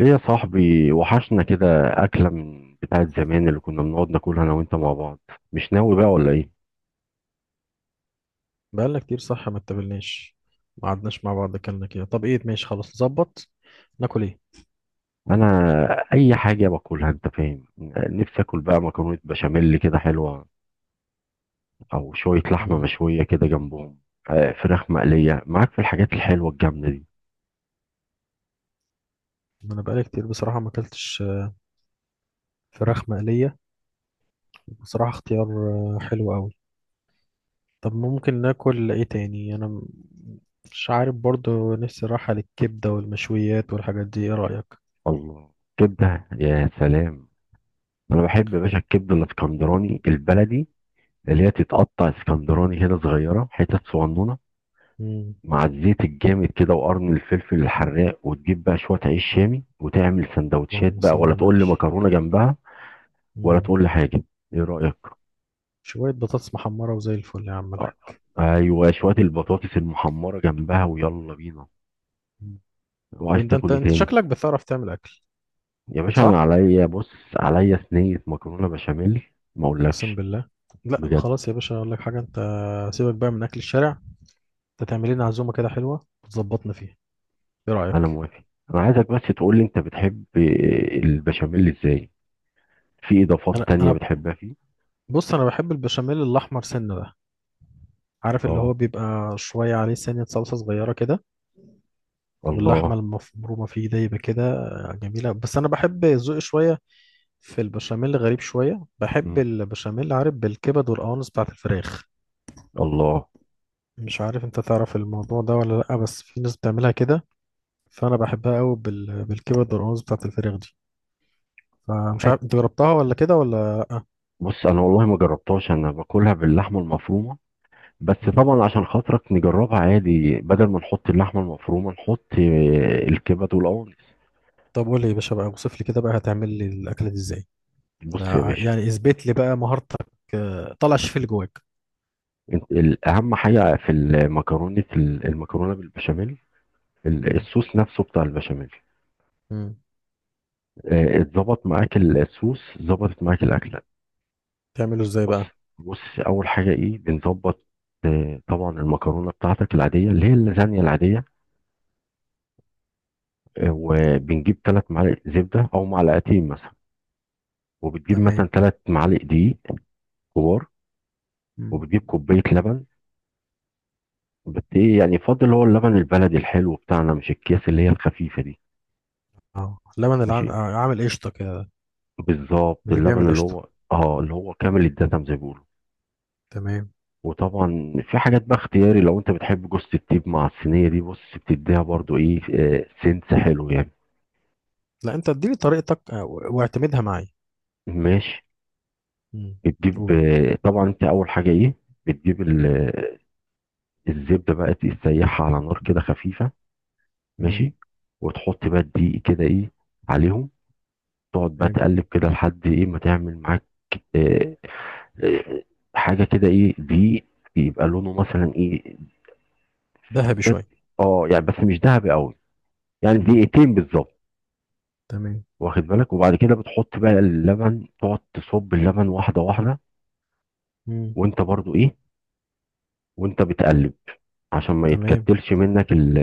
ايه يا صاحبي وحشنا كده. اكله من بتاعه زمان اللي كنا بنقعد ناكلها انا وانت مع بعض. مش ناوي بقى ولا ايه؟ بقالنا كتير، صح؟ ما اتقابلناش، ما قعدناش مع بعض اكلنا كده. طب ايه، ماشي خلاص نظبط. ناكل ايه؟ انا اي حاجه باكلها انت فاهم. نفسي اكل بقى مكرونه بشاميل كده حلوه، او شويه لحمه مم. مشويه كده جنبهم. فراخ مقليه معاك في الحاجات الحلوه الجامده دي. انا بقالي كتير بصراحة ما اكلتش فراخ مقلية. بصراحة اختيار حلو قوي. طب ممكن ناكل ايه تاني؟ انا مش عارف. برضو نفسي راحة للكبدة والمشويات والحاجات دي. ايه رأيك؟ الله، كبده يا سلام. انا بحب يا باشا الكبده الاسكندراني البلدي، اللي هي تتقطع اسكندراني كده صغيره حتت صغنونه، مم. مع الزيت الجامد كده وقرن الفلفل الحراق، وتجيب بقى شوية عيش شامي وتعمل سندوتشات، اللهم بقى صل على ولا تقول لي النبي. مكرونة جنبها. ولا مم. تقول لي حاجة، ايه رأيك؟ شوية بطاطس محمرة وزي الفل يا عم آه، الحاج. ايوه شوية البطاطس المحمرة جنبها ويلا بينا. مم. طب وعايز انت انت تاكل ايه انت تاني؟ شكلك بتعرف تعمل اكل؟ يا باشا انا صح. عليا بص، عليا صينية مكرونة بشاميل، ما اقسم اقولكش. بالله. لا بجد، خلاص يا باشا، اقول لك حاجه انت. سيبك بقى من اكل الشارع. انت تعمل لنا عزومه كده حلوه وتظبطنا فيها. ايه انا رايك؟ موافق. انا عايزك بس تقول لي انت بتحب البشاميل ازاي؟ في اضافات انا تانية انا بتحبها فيه؟ بص، انا بحب البشاميل الاحمر سنه ده. عارف اللي اه، هو بيبقى شويه عليه سنه صلصه صغيره كده. واللحمه الله. المفرومه فيه ده يبقى كده جميله. بس انا بحب ذوقي شويه في البشاميل غريب شويه، بحب مم. البشاميل عارف بالكبد والقوانص بتاعت الفراخ. الله. مش عارف انت تعرف الموضوع ده ولا لا، بس في ناس بتعملها كده. فانا بحبها قوي بالكبد والقوانص بتاعت الفراخ دي. فمش عارف انت جربتها ولا كده ولا لأ؟ بص انا والله ما جربتهاش، انا باكلها باللحمه المفرومه، بس مم. طبعا عشان خاطرك نجربها عادي، بدل ما نحط اللحمه المفرومه نحط الكبد والقوانص. طب قول لي يا باشا بقى، اوصف لي كده بقى هتعمل لي الاكله دي ازاي. بص يا لا، باشا، يعني اثبت لي بقى مهارتك. طلع الشيف اللي جواك. اهم حاجه في المكرونه، المكرونه بالبشاميل، مم. الصوص نفسه بتاع البشاميل. مم. اتظبط معاك الصوص، ظبطت معاك الاكله. تعمله ازاي بص بقى؟ بص، اول حاجه ايه بنظبط؟ طبعا المكرونه بتاعتك العاديه اللي هي اللازانيا العاديه. وبنجيب ثلاث معالق زبده او معلقتين مثلا، وبتجيب مثلا تمام. 3 معالق دقيق كبار، مم. وبتجيب كوبايه لبن. بت ايه يعني فاضل هو اللبن البلدي الحلو بتاعنا، مش الاكياس اللي هي الخفيفه دي. اه لبن الع... ماشي، آه، عامل قشطه كده. بالظبط اللي بيعمل اللبن اللي قشطه. هو اه اللي هو كامل الدسم زي ما بيقولوا. تمام. وطبعا في حاجات بقى اختياري، لو انت بتحب جوز الطيب مع الصينيه دي بص بتديها برضو ايه آه سنس حلو يعني. لا، انت اديني طريقتك واعتمدها معايا. ماشي، مم. بتجيب قول. طبعا انت اول حاجه ايه، بتجيب الزبده بقى تسيحها على نار كده خفيفه. مم. ماشي، وتحط بقى الدقيق كده ايه عليهم، تقعد بقى تمام. تقلب كده لحد ايه ما تعمل معاك آه، آه، حاجه كده ايه دي، يبقى لونه مثلا ايه؟ ذهبي بس، شويه. اه يعني بس مش ذهبي قوي، يعني مم. دقيقتين بالظبط. تمام. واخد بالك؟ وبعد كده بتحط بقى اللبن، تقعد تصب اللبن واحده واحده، مم. وانت برضو ايه وانت بتقلب، عشان ما تمام. يتكتلش منك ال-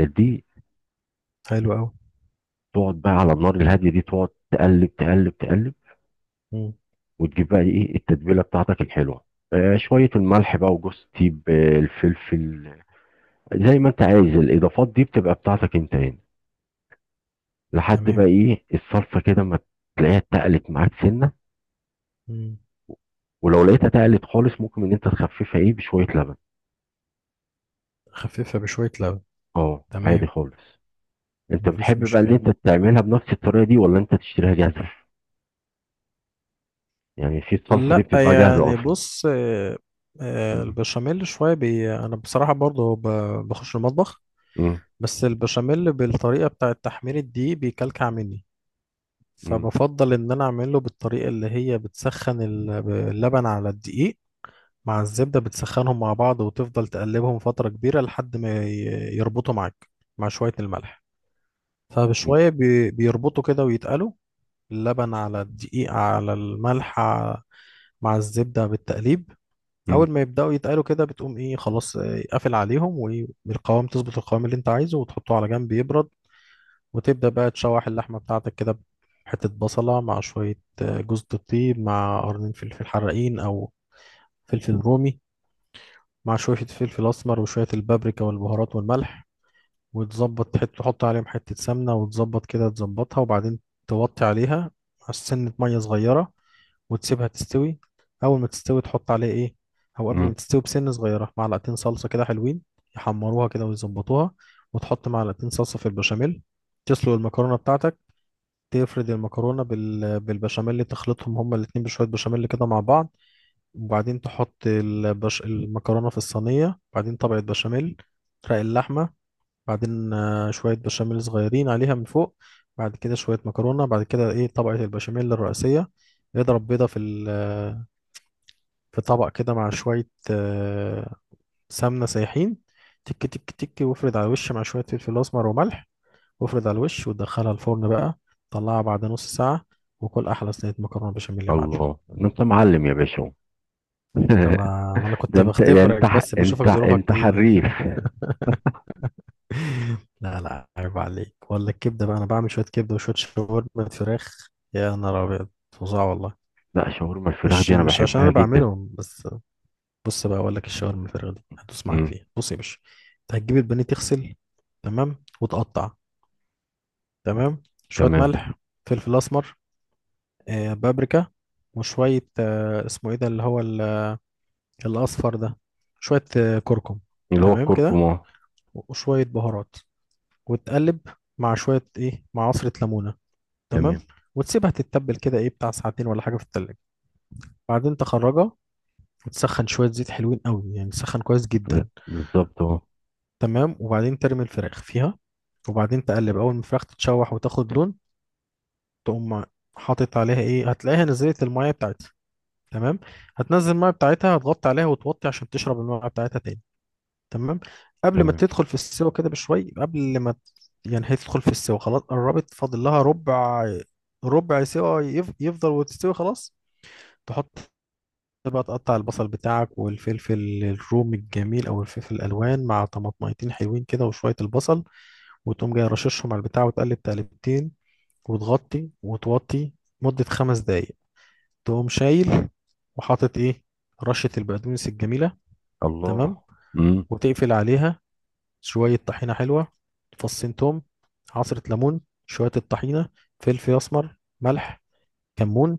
آه، دي. حلو قوي. تقعد بقى على النار الهاديه دي تقعد تقلب تقلب تقلب، وتجيب بقى ايه التتبيله بتاعتك الحلوه، شويه الملح بقى وجوز تيب الفلفل. زي ما انت عايز الاضافات دي بتبقى بتاعتك انت هنا، لحد بقى تمام. ايه الصلصه كده ما تلاقيها اتقلت معاك سنه، مم. ولو لقيتها اتقلت خالص ممكن ان انت تخففها ايه بشويه لبن. خففها بشويه لبن. اه عادي تمام. خالص. انت مفيش بتحب بقى ان مشكلة. انت تعملها بنفس الطريقه دي ولا انت تشتريها جاهزه؟ يعني في الصلصه دي لا بتتباع جاهزه يعني اصلا. بص، مم. البشاميل شوية أنا بصراحة برضو بخش المطبخ. مم. بس البشاميل بالطريقة بتاعة تحمير الدقيق بيكلكع مني. مم. فبفضل إن أنا أعمله بالطريقة اللي هي بتسخن اللبن على الدقيق مع الزبدة، بتسخنهم مع بعض وتفضل تقلبهم فترة كبيرة لحد ما يربطوا معاك مع شوية الملح. فبشوية بيربطوا كده ويتقلوا، اللبن على الدقيق على الملح مع الزبدة بالتقليب. مم. اول ما يبداوا يتقالوا كده بتقوم ايه خلاص، قافل عليهم. والقوام تظبط القوام اللي انت عايزه وتحطه على جنب يبرد. وتبدا بقى تشوح اللحمه بتاعتك كده، بحته بصله مع شويه جوز الطيب مع قرنين فلفل حراقين او فلفل رومي، مع شويه فلفل اسمر وشويه البابريكا والبهارات والملح. وتظبط، تحط عليهم حته سمنه وتظبط كده تظبطها، وبعدين توطي عليها سنه ميه صغيره وتسيبها تستوي. اول ما تستوي تحط عليها ايه، او قبل مم. ما تستوي بسنه صغيره معلقتين صلصه كده حلوين يحمروها كده ويظبطوها. وتحط معلقتين صلصه في البشاميل. تسلق المكرونه بتاعتك. تفرد المكرونه بالبشاميل، تخلطهم هما الاتنين بشويه بشاميل كده مع بعض. وبعدين تحط المكرونه في الصينيه، بعدين طبقه بشاميل، رق اللحمه، بعدين شويه بشاميل صغيرين عليها من فوق. بعد كده شويه مكرونه، بعد كده ايه، طبقه البشاميل الرئيسيه. اضرب بيضه في طبق كده مع شوية سمنة سايحين. تك تك تك، وافرد على الوش مع شوية فلفل أسمر وملح. وافرد على الوش وتدخلها الفرن بقى. طلعها بعد نص ساعة، وكل أحلى صينية مكرونة بشاميل يا معلم. الله، ده انت معلم يا باشا! أنا ما أنا ده كنت انت ده انت بختبرك ح- بس بشوفك انت ظروفك انت إيه. حريف. لا، لا، عيب عليك. ولا الكبدة بقى، أنا بعمل شوية كبدة وشوية شاورما فراخ. يا نهار أبيض فظاع والله. لا، شاورما الفراخ مش دي انا مش عشان أنا بحبها جدا. بعملهم بس. بص بقى اقول لك، الشاور من الفراخ دي هتدوس معاك مم. فيها. بص يا باشا، انت هتجيب البانيه، تغسل، تمام، وتقطع. تمام. شويه تمام، ملح، فلفل اسمر، بابريكا، وشويه اسمه ايه ده اللي هو الاصفر ده، شويه كركم. اللي هو تمام الكركم كده. اه، وشويه بهارات، وتقلب مع شويه ايه، مع عصره ليمونه. تمام. تمام. وتسيبها تتبل كده، ايه، بتاع ساعتين ولا حاجه في التلاجة. بعدين تخرجها، وتسخن شويه زيت حلوين قوي، يعني تسخن كويس لا، جدا. بالظبط اه. تمام. وبعدين ترمي الفراخ فيها، وبعدين تقلب. اول ما الفراخ تتشوح وتاخد لون، تقوم حاطط عليها ايه، هتلاقيها نزلت الميه بتاعتها. تمام، هتنزل الميه بتاعتها، هتغطي عليها وتوطي عشان تشرب الميه بتاعتها تاني. تمام. قبل ما تمام. تدخل في السوا كده بشوي، قبل ما يعني هي تدخل في السوا خلاص، قربت، فاضل لها ربع. ربع سوا يفضل وتستوي خلاص. تحط بقى، تقطع البصل بتاعك والفلفل الرومي الجميل او الفلفل الالوان، مع طماطميتين حلوين كده وشويه البصل. وتقوم جاي رششهم على البتاع، وتقلب تقلبتين، وتغطي وتوطي مدة 5 دقايق. تقوم شايل، وحاطط ايه، رشة البقدونس الجميلة. الله. تمام. امم. وتقفل عليها. شوية طحينة حلوة، فصين توم، عصرة ليمون، شوية الطحينة، فلفل أسمر، ملح، كمون.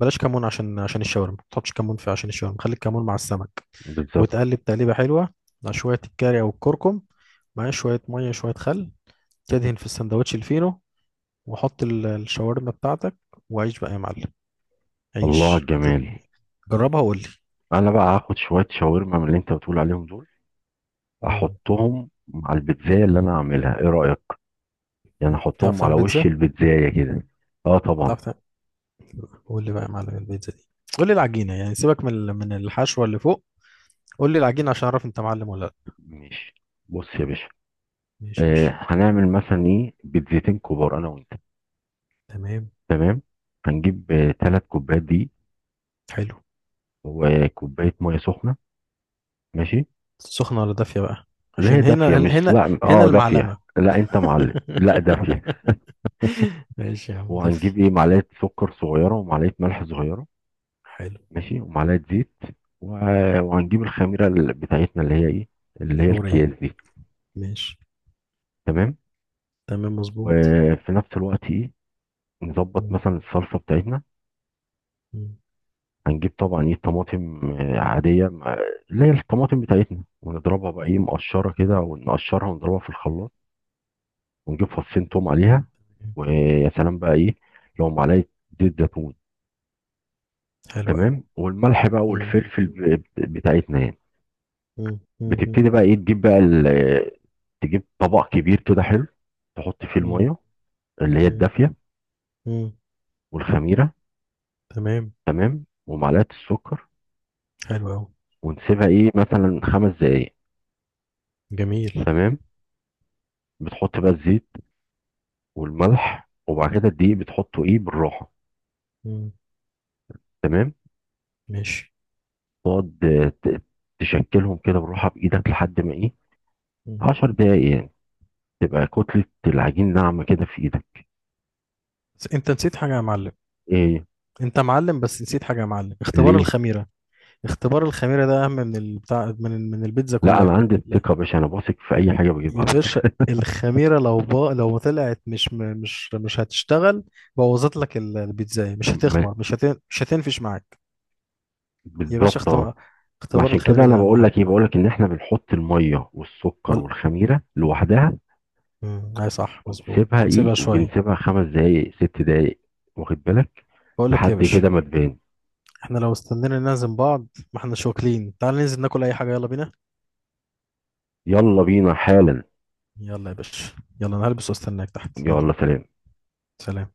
بلاش كمون، عشان الشاورما ما تحطش كمون في، عشان الشاورما خلي الكمون مع السمك. بالظبط. وتقلب تقليبة حلوة مع شوية الكاري أو الكركم، مع شوية مية شوية خل. تدهن في السندوتش الفينو، وحط الشاورما بتاعتك، وعيش بقى يا معلم. الله على عيش الجمال. جربها وقول لي. انا بقى هاخد شويه شاورما من اللي انت بتقول عليهم دول، مم. احطهم مع البيتزايه اللي انا هعملها، ايه رايك؟ يعني بتعرف احطهم على تعمل وش بيتزا؟ البيتزايه كده. اه طبعا. بتعرف تعمل؟ قول لي بقى يا معلم البيتزا دي. قول لي العجينه، يعني سيبك من الحشوه اللي فوق. قول لي العجينه عشان اعرف انت معلم ولا لا. ماشي، بص يا باشا. ماشي يا آه باشا. هنعمل مثلا ايه بيتزتين كبار انا وانت. تمام. تمام، هنجيب ثلاث كوبايات دي، حلو. وكوبايه ميه سخنه. ماشي. سخنه ولا دافيه بقى؟ ليه عشان دافية هنا، مش هنا، لا هنا اه دافية المعلمه. لا انت معلم لا دافية. ماشي يا عم، دافي. وهنجيب ايه معلقة سكر صغيرة ومعلقة ملح صغيرة. حلو. ماشي، ومعلقة زيت. وهنجيب الخميرة بتاعتنا اللي هي ايه، اللي هي فورية. الكياس دي. ماشي. تمام. تمام مظبوط. وفي نفس الوقت ايه، نظبط مم. مثلا الصلصة بتاعتنا. مم. هنجيب طبعا ايه طماطم عادية مع اللي هي الطماطم بتاعتنا، ونضربها بقى ايه مقشرة كده، ونقشرها ونضربها في الخلاط، ونجيب فصين توم عليها. ويا سلام بقى ايه لو معلقة زيت زيتون. حلو تمام، والملح بقى قوي. والفلفل بتاعتنا يعني. بتبتدي بقى ايه تجيب بقى تجيب طبق كبير كده حلو، تحط فيه مم. الميه اللي هي مم. الدافيه، مم. والخميره. تمام. تمام، ومعلقه السكر. حلو أوي. ونسيبها ايه مثلا 5 دقايق. جميل. تمام. بتحط بقى الزيت والملح، وبعد كده الدقيق بتحطه ايه بالراحه. مم. تمام. ماشي. تقعد تشكلهم كده بالراحه بايدك لحد ما ايه مم. 10 دقايق يعني، تبقى كتله العجين ناعمه كده في ايدك. بس انت نسيت حاجة يا معلم. ايه؟ انت معلم بس نسيت حاجة يا معلم، اختبار ليه؟ الخميرة. اختبار الخميرة ده اهم من البتاع، من البيتزا لا، انا كلها. عندي لا. الثقه يا باشا، انا بثق في لا. اي حاجه بجيبها يا على باشا، فكره. الخميرة لو طلعت مش م- مش مش هتشتغل. بوظت لك البيتزا، مش ما- هتخمر، مش هتنفش معاك. يا باشا، بالظبط اه. اختبار، ما اختبار عشان كده الخميرة انا ده اهم بقول حاجة. لك ايه، بقول لك ان احنا بنحط الميه والسكر ولا. والخميره لوحدها، اي صح مظبوط، ونسيبها ايه، ونسيبها شوية. وبنسيبها 5 دقائق 6 دقائق، واخد بالك، بقول لك يا لحد باشا، كده ما تبان. احنا لو استنينا نعزم بعض، ما احنا مش واكلين، تعال ننزل ناكل اي حاجة يلا بينا. يلا بينا حالا. يلا يا باشا. يلا انا هلبس واستناك تحت، يلا. يلا، سلام. سلام.